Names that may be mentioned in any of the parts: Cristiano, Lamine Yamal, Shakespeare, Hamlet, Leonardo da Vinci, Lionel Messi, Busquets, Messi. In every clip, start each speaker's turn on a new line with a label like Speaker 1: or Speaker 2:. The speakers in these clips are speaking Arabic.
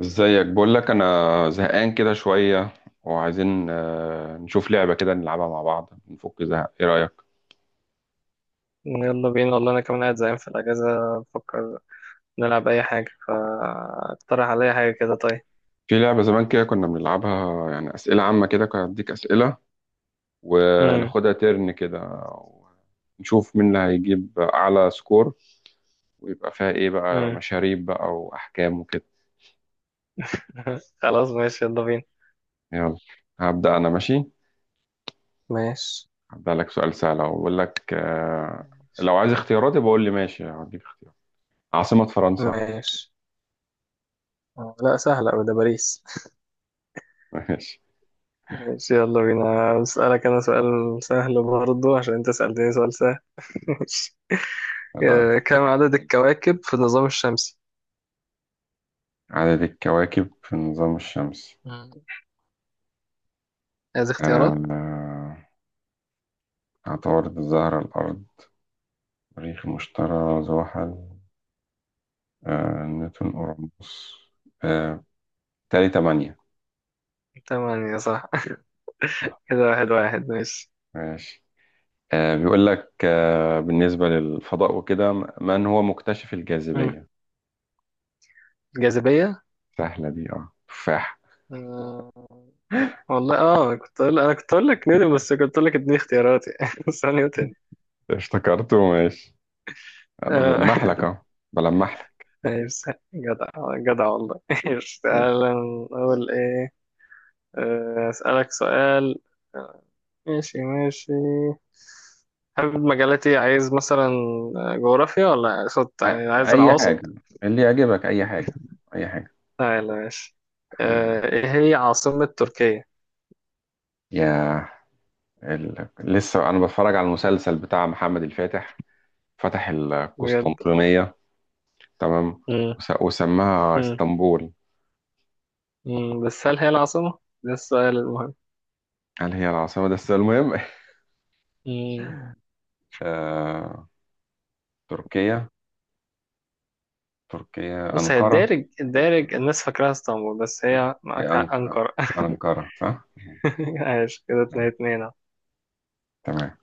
Speaker 1: ازيك؟ بقول لك انا زهقان كده شويه، وعايزين نشوف لعبه كده نلعبها مع بعض نفك زهق. ايه رايك؟
Speaker 2: يلا بينا، والله انا كمان قاعد زهقان في الاجازه، بفكر نلعب اي حاجه، فاقترح عليا حاجه كده. طيب.
Speaker 1: في لعبه زمان كده كنا بنلعبها، يعني اسئله عامه كده، كنت اديك اسئله
Speaker 2: امم
Speaker 1: وناخدها ترن كده، نشوف مين اللي هيجيب اعلى سكور، ويبقى فيها ايه بقى،
Speaker 2: امم
Speaker 1: مشاريب بقى واحكام وكده.
Speaker 2: خلاص ماشي يلا بينا.
Speaker 1: يلا هبدا انا، ماشي.
Speaker 2: ماشي
Speaker 1: هبدا لك سؤال سهل أهو. بقول لك لو عايز اختياراتي بقول لي ماشي هديك اختيار. عاصمه فرنسا.
Speaker 2: ماشي. لا، سهله أوي، ده باريس.
Speaker 1: ماشي.
Speaker 2: ماشي يلا بينا، اسالك انا سؤال سهل برضه عشان انت سالتني سؤال سهل. ماشي. كم عدد الكواكب في النظام الشمسي؟
Speaker 1: عدد الكواكب في النظام الشمسي؟
Speaker 2: مم. عايز اختيارات.
Speaker 1: آه، عطارد، الزهرة، الأرض، مريخ، المشتري، زحل، نيوتن، أورانوس، آه، تالي تمانية.
Speaker 2: تمام، يا صح. كده واحد واحد ماشي.
Speaker 1: ماشي. بيقول لك بالنسبة للفضاء وكده، من هو مكتشف
Speaker 2: مم.
Speaker 1: الجاذبية؟
Speaker 2: الجاذبيه.
Speaker 1: سهلة دي، اه تفاح.
Speaker 2: والله اه كنت أقول، انا كنت اقول لك نيوتن، بس كنت اقول لك اديني اختياراتي، بس هو نيوتن.
Speaker 1: افتكرته، ماشي. أنا
Speaker 2: آه،
Speaker 1: بلمح لك اه، بلمح لك
Speaker 2: ماشي جدع، جدع والله. ماشي،
Speaker 1: ماشي.
Speaker 2: تعالى نقول ايه. اسالك سؤال. آه، ماشي ماشي. حابب مجالاتي، عايز مثلا جغرافيا، ولا اقصد يعني عايز
Speaker 1: أي
Speaker 2: العواصم.
Speaker 1: حاجة اللي يعجبك، أي حاجة، أي حاجة
Speaker 2: تعالى ماشي.
Speaker 1: خليها.
Speaker 2: ايه هي عاصمة تركيا؟
Speaker 1: يا ال... لسه انا بتفرج على المسلسل بتاع محمد الفاتح، فتح
Speaker 2: بجد؟
Speaker 1: القسطنطينية. تمام.
Speaker 2: مم.
Speaker 1: وس... وسماها
Speaker 2: مم.
Speaker 1: اسطنبول.
Speaker 2: مم، بس هل هي العاصمة ده السؤال
Speaker 1: هل هي العاصمة ده السؤال المهم؟
Speaker 2: المهم.
Speaker 1: آه... تركيا،
Speaker 2: بص هي
Speaker 1: أنقرة.
Speaker 2: الدارج الناس فاكراها اسطنبول، بس هي معاك
Speaker 1: هي
Speaker 2: حق
Speaker 1: أنق...
Speaker 2: أنقرة.
Speaker 1: أنقرة صح؟
Speaker 2: عايش كده، اتنين
Speaker 1: أيوة.
Speaker 2: اتنين أهو.
Speaker 1: تمام.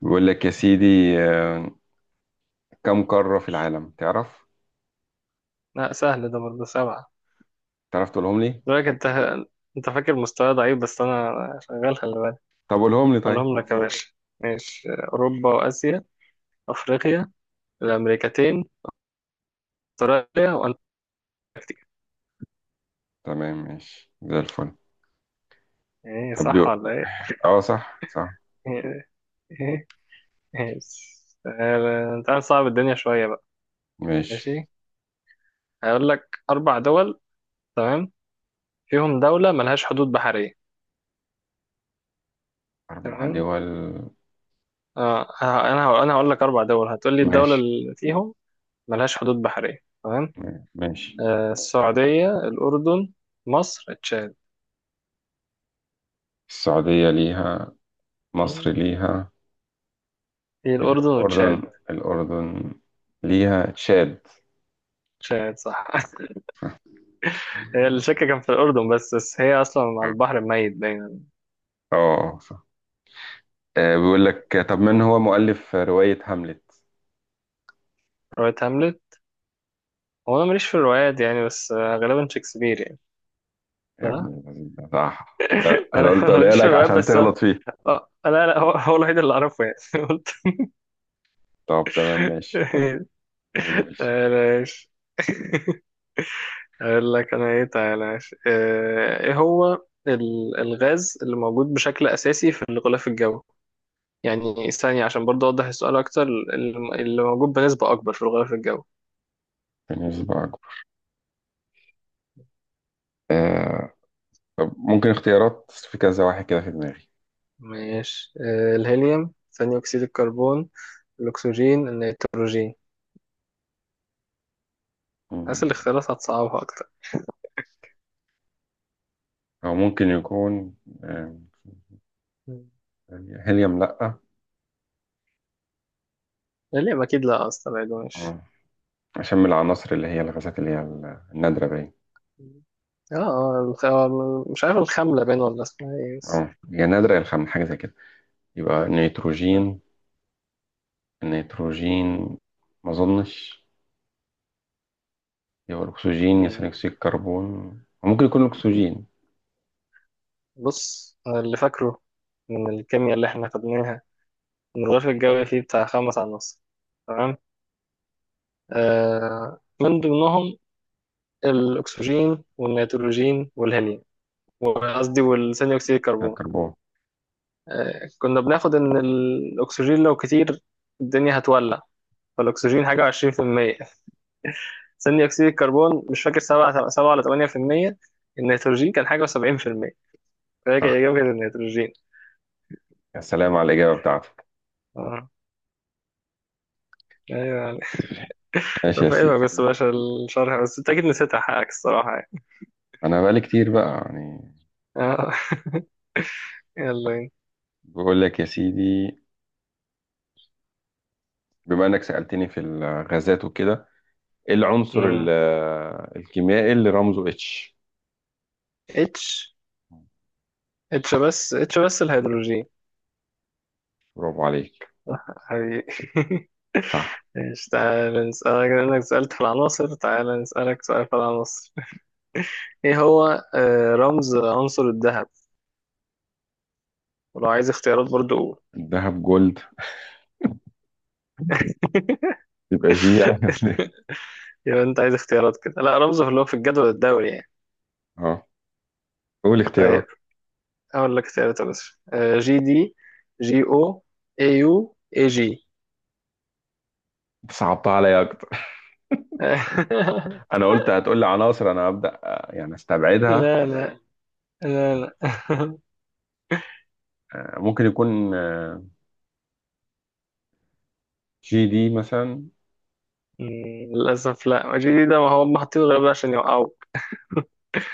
Speaker 1: بيقول لك يا سيدي، آه... كم قارة في العالم تعرف؟
Speaker 2: لا سهل ده برضه، سبعة.
Speaker 1: تعرف تقولهم لي؟
Speaker 2: دلوقتي انت، انت فاكر مستوى ضعيف بس انا شغال، خلي بالك.
Speaker 1: طب قولهم لي طيب.
Speaker 2: اقولهم لك يا باشا. ماشي، اوروبا، واسيا، افريقيا، الامريكتين، استراليا، وانتاركتيكا.
Speaker 1: تمام، ماشي زي الفل.
Speaker 2: ايه
Speaker 1: طب
Speaker 2: صح
Speaker 1: يو-
Speaker 2: ولا ايه؟
Speaker 1: اه صح صح.
Speaker 2: ايه، ايه، ايه. تعال نصعب الدنيا شوية بقى.
Speaker 1: ماشي.
Speaker 2: ماشي. هقول لك اربع دول. تمام. فيهم دولة ملهاش حدود بحرية.
Speaker 1: أربع
Speaker 2: تمام.
Speaker 1: دول؟
Speaker 2: انا هقول لك اربع دول، هتقول لي الدوله
Speaker 1: ماشي،
Speaker 2: اللي فيهم ملهاش حدود بحريه، تمام.
Speaker 1: ماشي.
Speaker 2: السعوديه، الاردن، مصر، تشاد.
Speaker 1: السعودية ليها، مصر
Speaker 2: مم.
Speaker 1: ليها.
Speaker 2: هي الاردن
Speaker 1: الأردن
Speaker 2: وتشاد.
Speaker 1: الأردن ليها، تشاد.
Speaker 2: تشاد صح. هي الشك كان في الاردن، بس هي اصلا على البحر الميت دايما.
Speaker 1: اه صح. بيقول لك، طب من هو مؤلف رواية هاملت؟
Speaker 2: روايه هاملت؟ هو انا ماليش في الروايات يعني، بس غالبا شكسبير يعني.
Speaker 1: يا ابن
Speaker 2: صح؟
Speaker 1: الذين، ده صح؟ لا انا
Speaker 2: انا
Speaker 1: قلت
Speaker 2: أنا
Speaker 1: اقولها
Speaker 2: ماليش في
Speaker 1: لك
Speaker 2: الروايات،
Speaker 1: عشان
Speaker 2: بس
Speaker 1: تغلط فيه.
Speaker 2: لا لا، هو الوحيد اللي اعرفه يعني. قلت
Speaker 1: طب تمام، ماشي. قول يا باشا.
Speaker 2: آه، ماشي. اقول لك انا ايه، تعالى ماشي. ايه هو الغاز اللي موجود بشكل اساسي في الغلاف الجوي، يعني ثانية عشان برضه اوضح السؤال اكتر، اللي موجود بنسبة اكبر في الغلاف الجوي.
Speaker 1: كان يسبقك. آه. طب ممكن اختيارات؟ في كذا واحد كده في دماغي.
Speaker 2: ماشي. الهيليوم، ثاني اكسيد الكربون، الاكسجين، النيتروجين. اسأل
Speaker 1: مم.
Speaker 2: الاختيارات هتصعبها اكتر.
Speaker 1: او ممكن يكون آه،
Speaker 2: مم.
Speaker 1: هيليوم لا،
Speaker 2: الهيليوم اكيد لا، اصلا بعيد، ماشي.
Speaker 1: عشان من العناصر اللي هي الغازات اللي هي النادرة باين.
Speaker 2: مم. اه مش عارف الخاملة باين ولا اسمها ايه بس.
Speaker 1: اه هي نادرة يا الخام، حاجة زي كده. يبقى
Speaker 2: آه.
Speaker 1: نيتروجين، النيتروجين ما أظنش. يبقى الأكسجين يا ثاني
Speaker 2: مم.
Speaker 1: أكسيد الكربون، ممكن يكون الأكسجين.
Speaker 2: بص أنا اللي فاكره من الكيمياء اللي احنا خدناها، ان الغلاف الجوي فيه بتاع خمس عناصر، تمام، من ضمنهم الاكسجين والنيتروجين والهيليوم، وقصدي والثاني اكسيد الكربون.
Speaker 1: الكربون.
Speaker 2: كنا بناخد ان الاكسجين لو كتير الدنيا هتولع، فالاكسجين حاجه 20%، ثاني اكسيد الكربون مش فاكر 7 7 ولا 8%، النيتروجين كان حاجه 70%، فهي
Speaker 1: صح.
Speaker 2: اجابه النيتروجين.
Speaker 1: يا سلام على الإجابة بتاعتك.
Speaker 2: اه، ايوه،
Speaker 1: ماشي يا
Speaker 2: فاهمك
Speaker 1: سيدي.
Speaker 2: بس باشا الشرح، بس انت اكيد نسيتها حقك الصراحة يعني.
Speaker 1: أنا بقالي كتير بقى يعني.
Speaker 2: آه، يلا بينا.
Speaker 1: بقول لك يا سيدي، بما إنك سألتني في الغازات وكده، إيه العنصر
Speaker 2: مم.
Speaker 1: الكيميائي اللي رمزه اتش؟
Speaker 2: اتش. اتش بس الهيدروجين.
Speaker 1: برافو عليك.
Speaker 2: حبيبي.
Speaker 1: صح.
Speaker 2: ماشي تعالى نسألك، لأنك سألت في العناصر تعالى نسألك سؤال في العناصر. ايه هو رمز عنصر الذهب؟ ولو عايز اختيارات برضو قول.
Speaker 1: الذهب جولد، يبقى جي يعني.
Speaker 2: يبقى انت عايز اختيارات كده، لا رمزه اللي هو في الجدول الدوري يعني.
Speaker 1: قول اختيارات.
Speaker 2: طيب. اقول لك اختيارات يا باشا. جي دي، جي او، اي يو، اي جي.
Speaker 1: انت صعبتها عليا اكتر. انا قلت هتقول لي عناصر، انا هبدا يعني استبعدها.
Speaker 2: لا لا، لا لا.
Speaker 1: آه، ممكن يكون آه، جي دي مثلا.
Speaker 2: مم، للأسف لا، ما جي ده، ما هو هم حاطينه غير بقى عشان يوقعوك.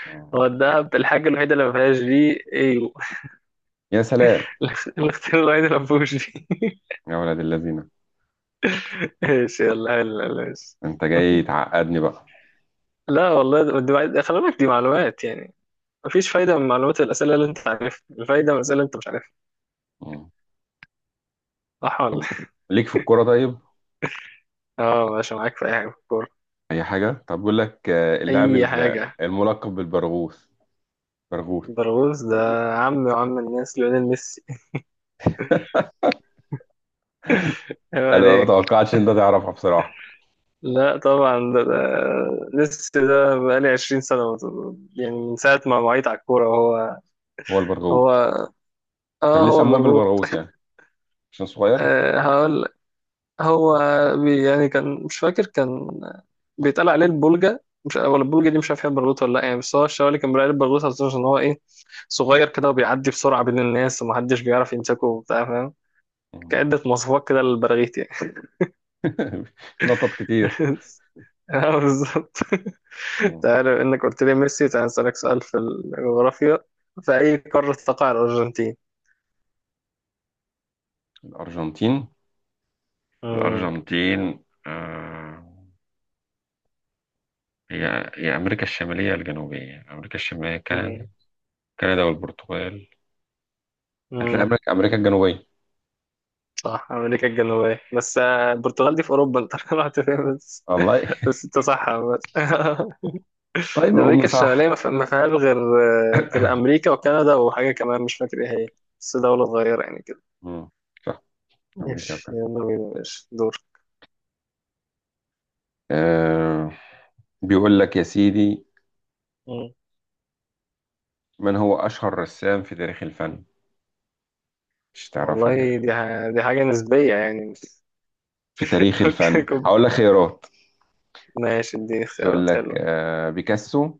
Speaker 1: آه،
Speaker 2: هو الدهب الحاجة الوحيدة اللي ما فيهاش دي، ايوه.
Speaker 1: يا سلام.
Speaker 2: الاختيار الوحيد اللي ما فيهوش دي.
Speaker 1: يا ولد الذين،
Speaker 2: ايش، يلا يلا ماشي.
Speaker 1: انت جاي تعقدني بقى.
Speaker 2: لا والله دي معلومات، خلي بالك دي معلومات يعني. مفيش فايدة من معلومات الأسئلة اللي أنت عارفها، الفايدة من الأسئلة اللي أنت مش عارفها.
Speaker 1: مم.
Speaker 2: صح ولا؟
Speaker 1: طب ليك في الكوره طيب؟
Speaker 2: اه ماشي، معاك في أي حاجة في الكورة.
Speaker 1: اي حاجه. طب بقول لك آه، اللاعب
Speaker 2: أي حاجة.
Speaker 1: الملقب بالبرغوث، برغوت.
Speaker 2: برغوث ده، عم وعم الناس، ليونيل ميسي.
Speaker 1: انا ما
Speaker 2: ايوه.
Speaker 1: توقعتش ان ده تعرفها بصراحه.
Speaker 2: لا طبعا، ده ميسي ده بقالي 20 سنة يعني من ساعة ما وعيت على الكورة هو.
Speaker 1: هو البرغوت.
Speaker 2: هو
Speaker 1: طب
Speaker 2: اه
Speaker 1: ليه
Speaker 2: هو
Speaker 1: سموه
Speaker 2: المرغوب.
Speaker 1: بالبرغوت يعني؟ عشان صغير.
Speaker 2: آه هقول لك. هو بي يعني كان مش فاكر، كان بيتقال عليه البولجا، مش ولا البولجا دي مش عارف هي برغوت ولا لا يعني، بس هو الشوالي اللي كان بيقال عليه البرغوت عشان هو ايه، صغير كده وبيعدي بسرعة بين الناس ومحدش بيعرف يمسكه وبتاع، فاهم.
Speaker 1: مم.
Speaker 2: كعدة مواصفات كده للبراغيث يعني.
Speaker 1: نطط كتير.
Speaker 2: بالظبط.
Speaker 1: مم.
Speaker 2: تعالى، انك قلت لي ميسي تعالى نسألك سؤال في الجغرافيا. في أي قارة تقع الأرجنتين؟
Speaker 1: الارجنتين.
Speaker 2: مم.
Speaker 1: آه، هي أمريكا الشمالية يا الجنوبية؟ أمريكا الشمالية، كندا،
Speaker 2: مم.
Speaker 1: والبرتغال. هتلاقي
Speaker 2: مم.
Speaker 1: أمريكا الجنوبية.
Speaker 2: صح، أمريكا الجنوبية، بس البرتغال دي في أوروبا أنت. رحت فين بس.
Speaker 1: والله.
Speaker 2: بس أنت صح بس.
Speaker 1: طيب الأم
Speaker 2: أمريكا
Speaker 1: صح.
Speaker 2: الشمالية ما فيهاش غير غير أمريكا وكندا وحاجة كمان مش فاكر إيه هي، بس دولة صغيرة يعني كده.
Speaker 1: مم. صح، أمريكا
Speaker 2: ماشي
Speaker 1: وكندا.
Speaker 2: يلا بينا، ماشي دور.
Speaker 1: آه، بيقول لك يا سيدي،
Speaker 2: مم.
Speaker 1: من هو أشهر رسام في تاريخ الفن؟ مش تعرفها دي.
Speaker 2: والله دي دي حاجة نسبية يعني.
Speaker 1: في تاريخ
Speaker 2: ممكن
Speaker 1: الفن.
Speaker 2: يكون.
Speaker 1: هقول لك خيارات،
Speaker 2: ماشي دي
Speaker 1: يقول
Speaker 2: اختيارات
Speaker 1: لك
Speaker 2: حلوة.
Speaker 1: آه بيكاسو،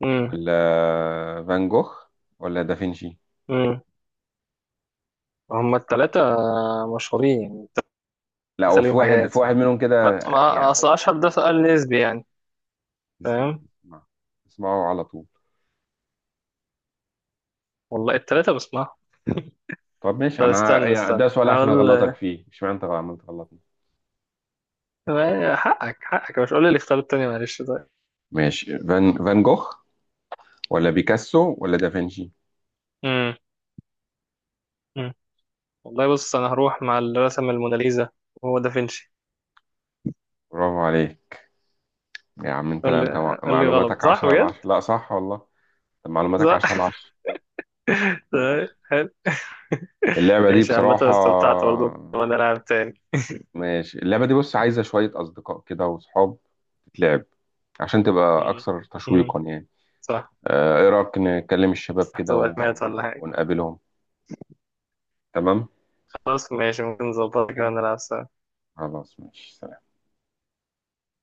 Speaker 2: مم.
Speaker 1: ولا فان جوخ، ولا دافنشي.
Speaker 2: امم. هما التلاتة مشهورين يعني.
Speaker 1: لا
Speaker 2: التلاتة
Speaker 1: هو في
Speaker 2: ليهم
Speaker 1: واحد،
Speaker 2: حاجات،
Speaker 1: منهم كده
Speaker 2: ما
Speaker 1: يعني.
Speaker 2: أصل أشهر ده سؤال نسبي يعني. فاهم.
Speaker 1: اسمع، اسمعه على طول.
Speaker 2: والله التلاتة بسمعهم.
Speaker 1: طب ماشي،
Speaker 2: طب
Speaker 1: انا
Speaker 2: استنى
Speaker 1: يعني ده
Speaker 2: استنى
Speaker 1: سؤال عشان اغلطك
Speaker 2: هقول.
Speaker 1: فيه، مش معنى انت عملت غلطني.
Speaker 2: حقك حقك، مش قول لي الاختيار التاني، معلش طيب.
Speaker 1: ماشي. فان جوخ ولا بيكاسو ولا دافنشي؟
Speaker 2: امم. أمم. والله بص أنا هروح مع اللي رسم الموناليزا، وهو دافنشي.
Speaker 1: برافو عليك يا عم. انت،
Speaker 2: قول
Speaker 1: لا انت،
Speaker 2: لي قول لي غلط،
Speaker 1: معلوماتك
Speaker 2: صح
Speaker 1: 10 على
Speaker 2: بجد؟
Speaker 1: 10. لا صح والله. طب معلوماتك 10 على
Speaker 2: صح.
Speaker 1: 10.
Speaker 2: طيب، حلو.
Speaker 1: اللعبة دي
Speaker 2: ايش، عامة
Speaker 1: بصراحة،
Speaker 2: استمتعت برضه وأنا لاعب تاني.
Speaker 1: ماشي، اللعبة دي بص عايزة شوية أصدقاء كده وصحاب تتلعب، عشان تبقى
Speaker 2: امم.
Speaker 1: أكثر
Speaker 2: أمم.
Speaker 1: تشويقا يعني.
Speaker 2: صح.
Speaker 1: آه، إيه رأيك نكلم الشباب
Speaker 2: تحت
Speaker 1: كده و...
Speaker 2: ولا حاجة.
Speaker 1: ونقابلهم؟ تمام.
Speaker 2: خلاص ماشي، ممكن نظبطها كده ونلعب سوا.
Speaker 1: خلاص ماشي.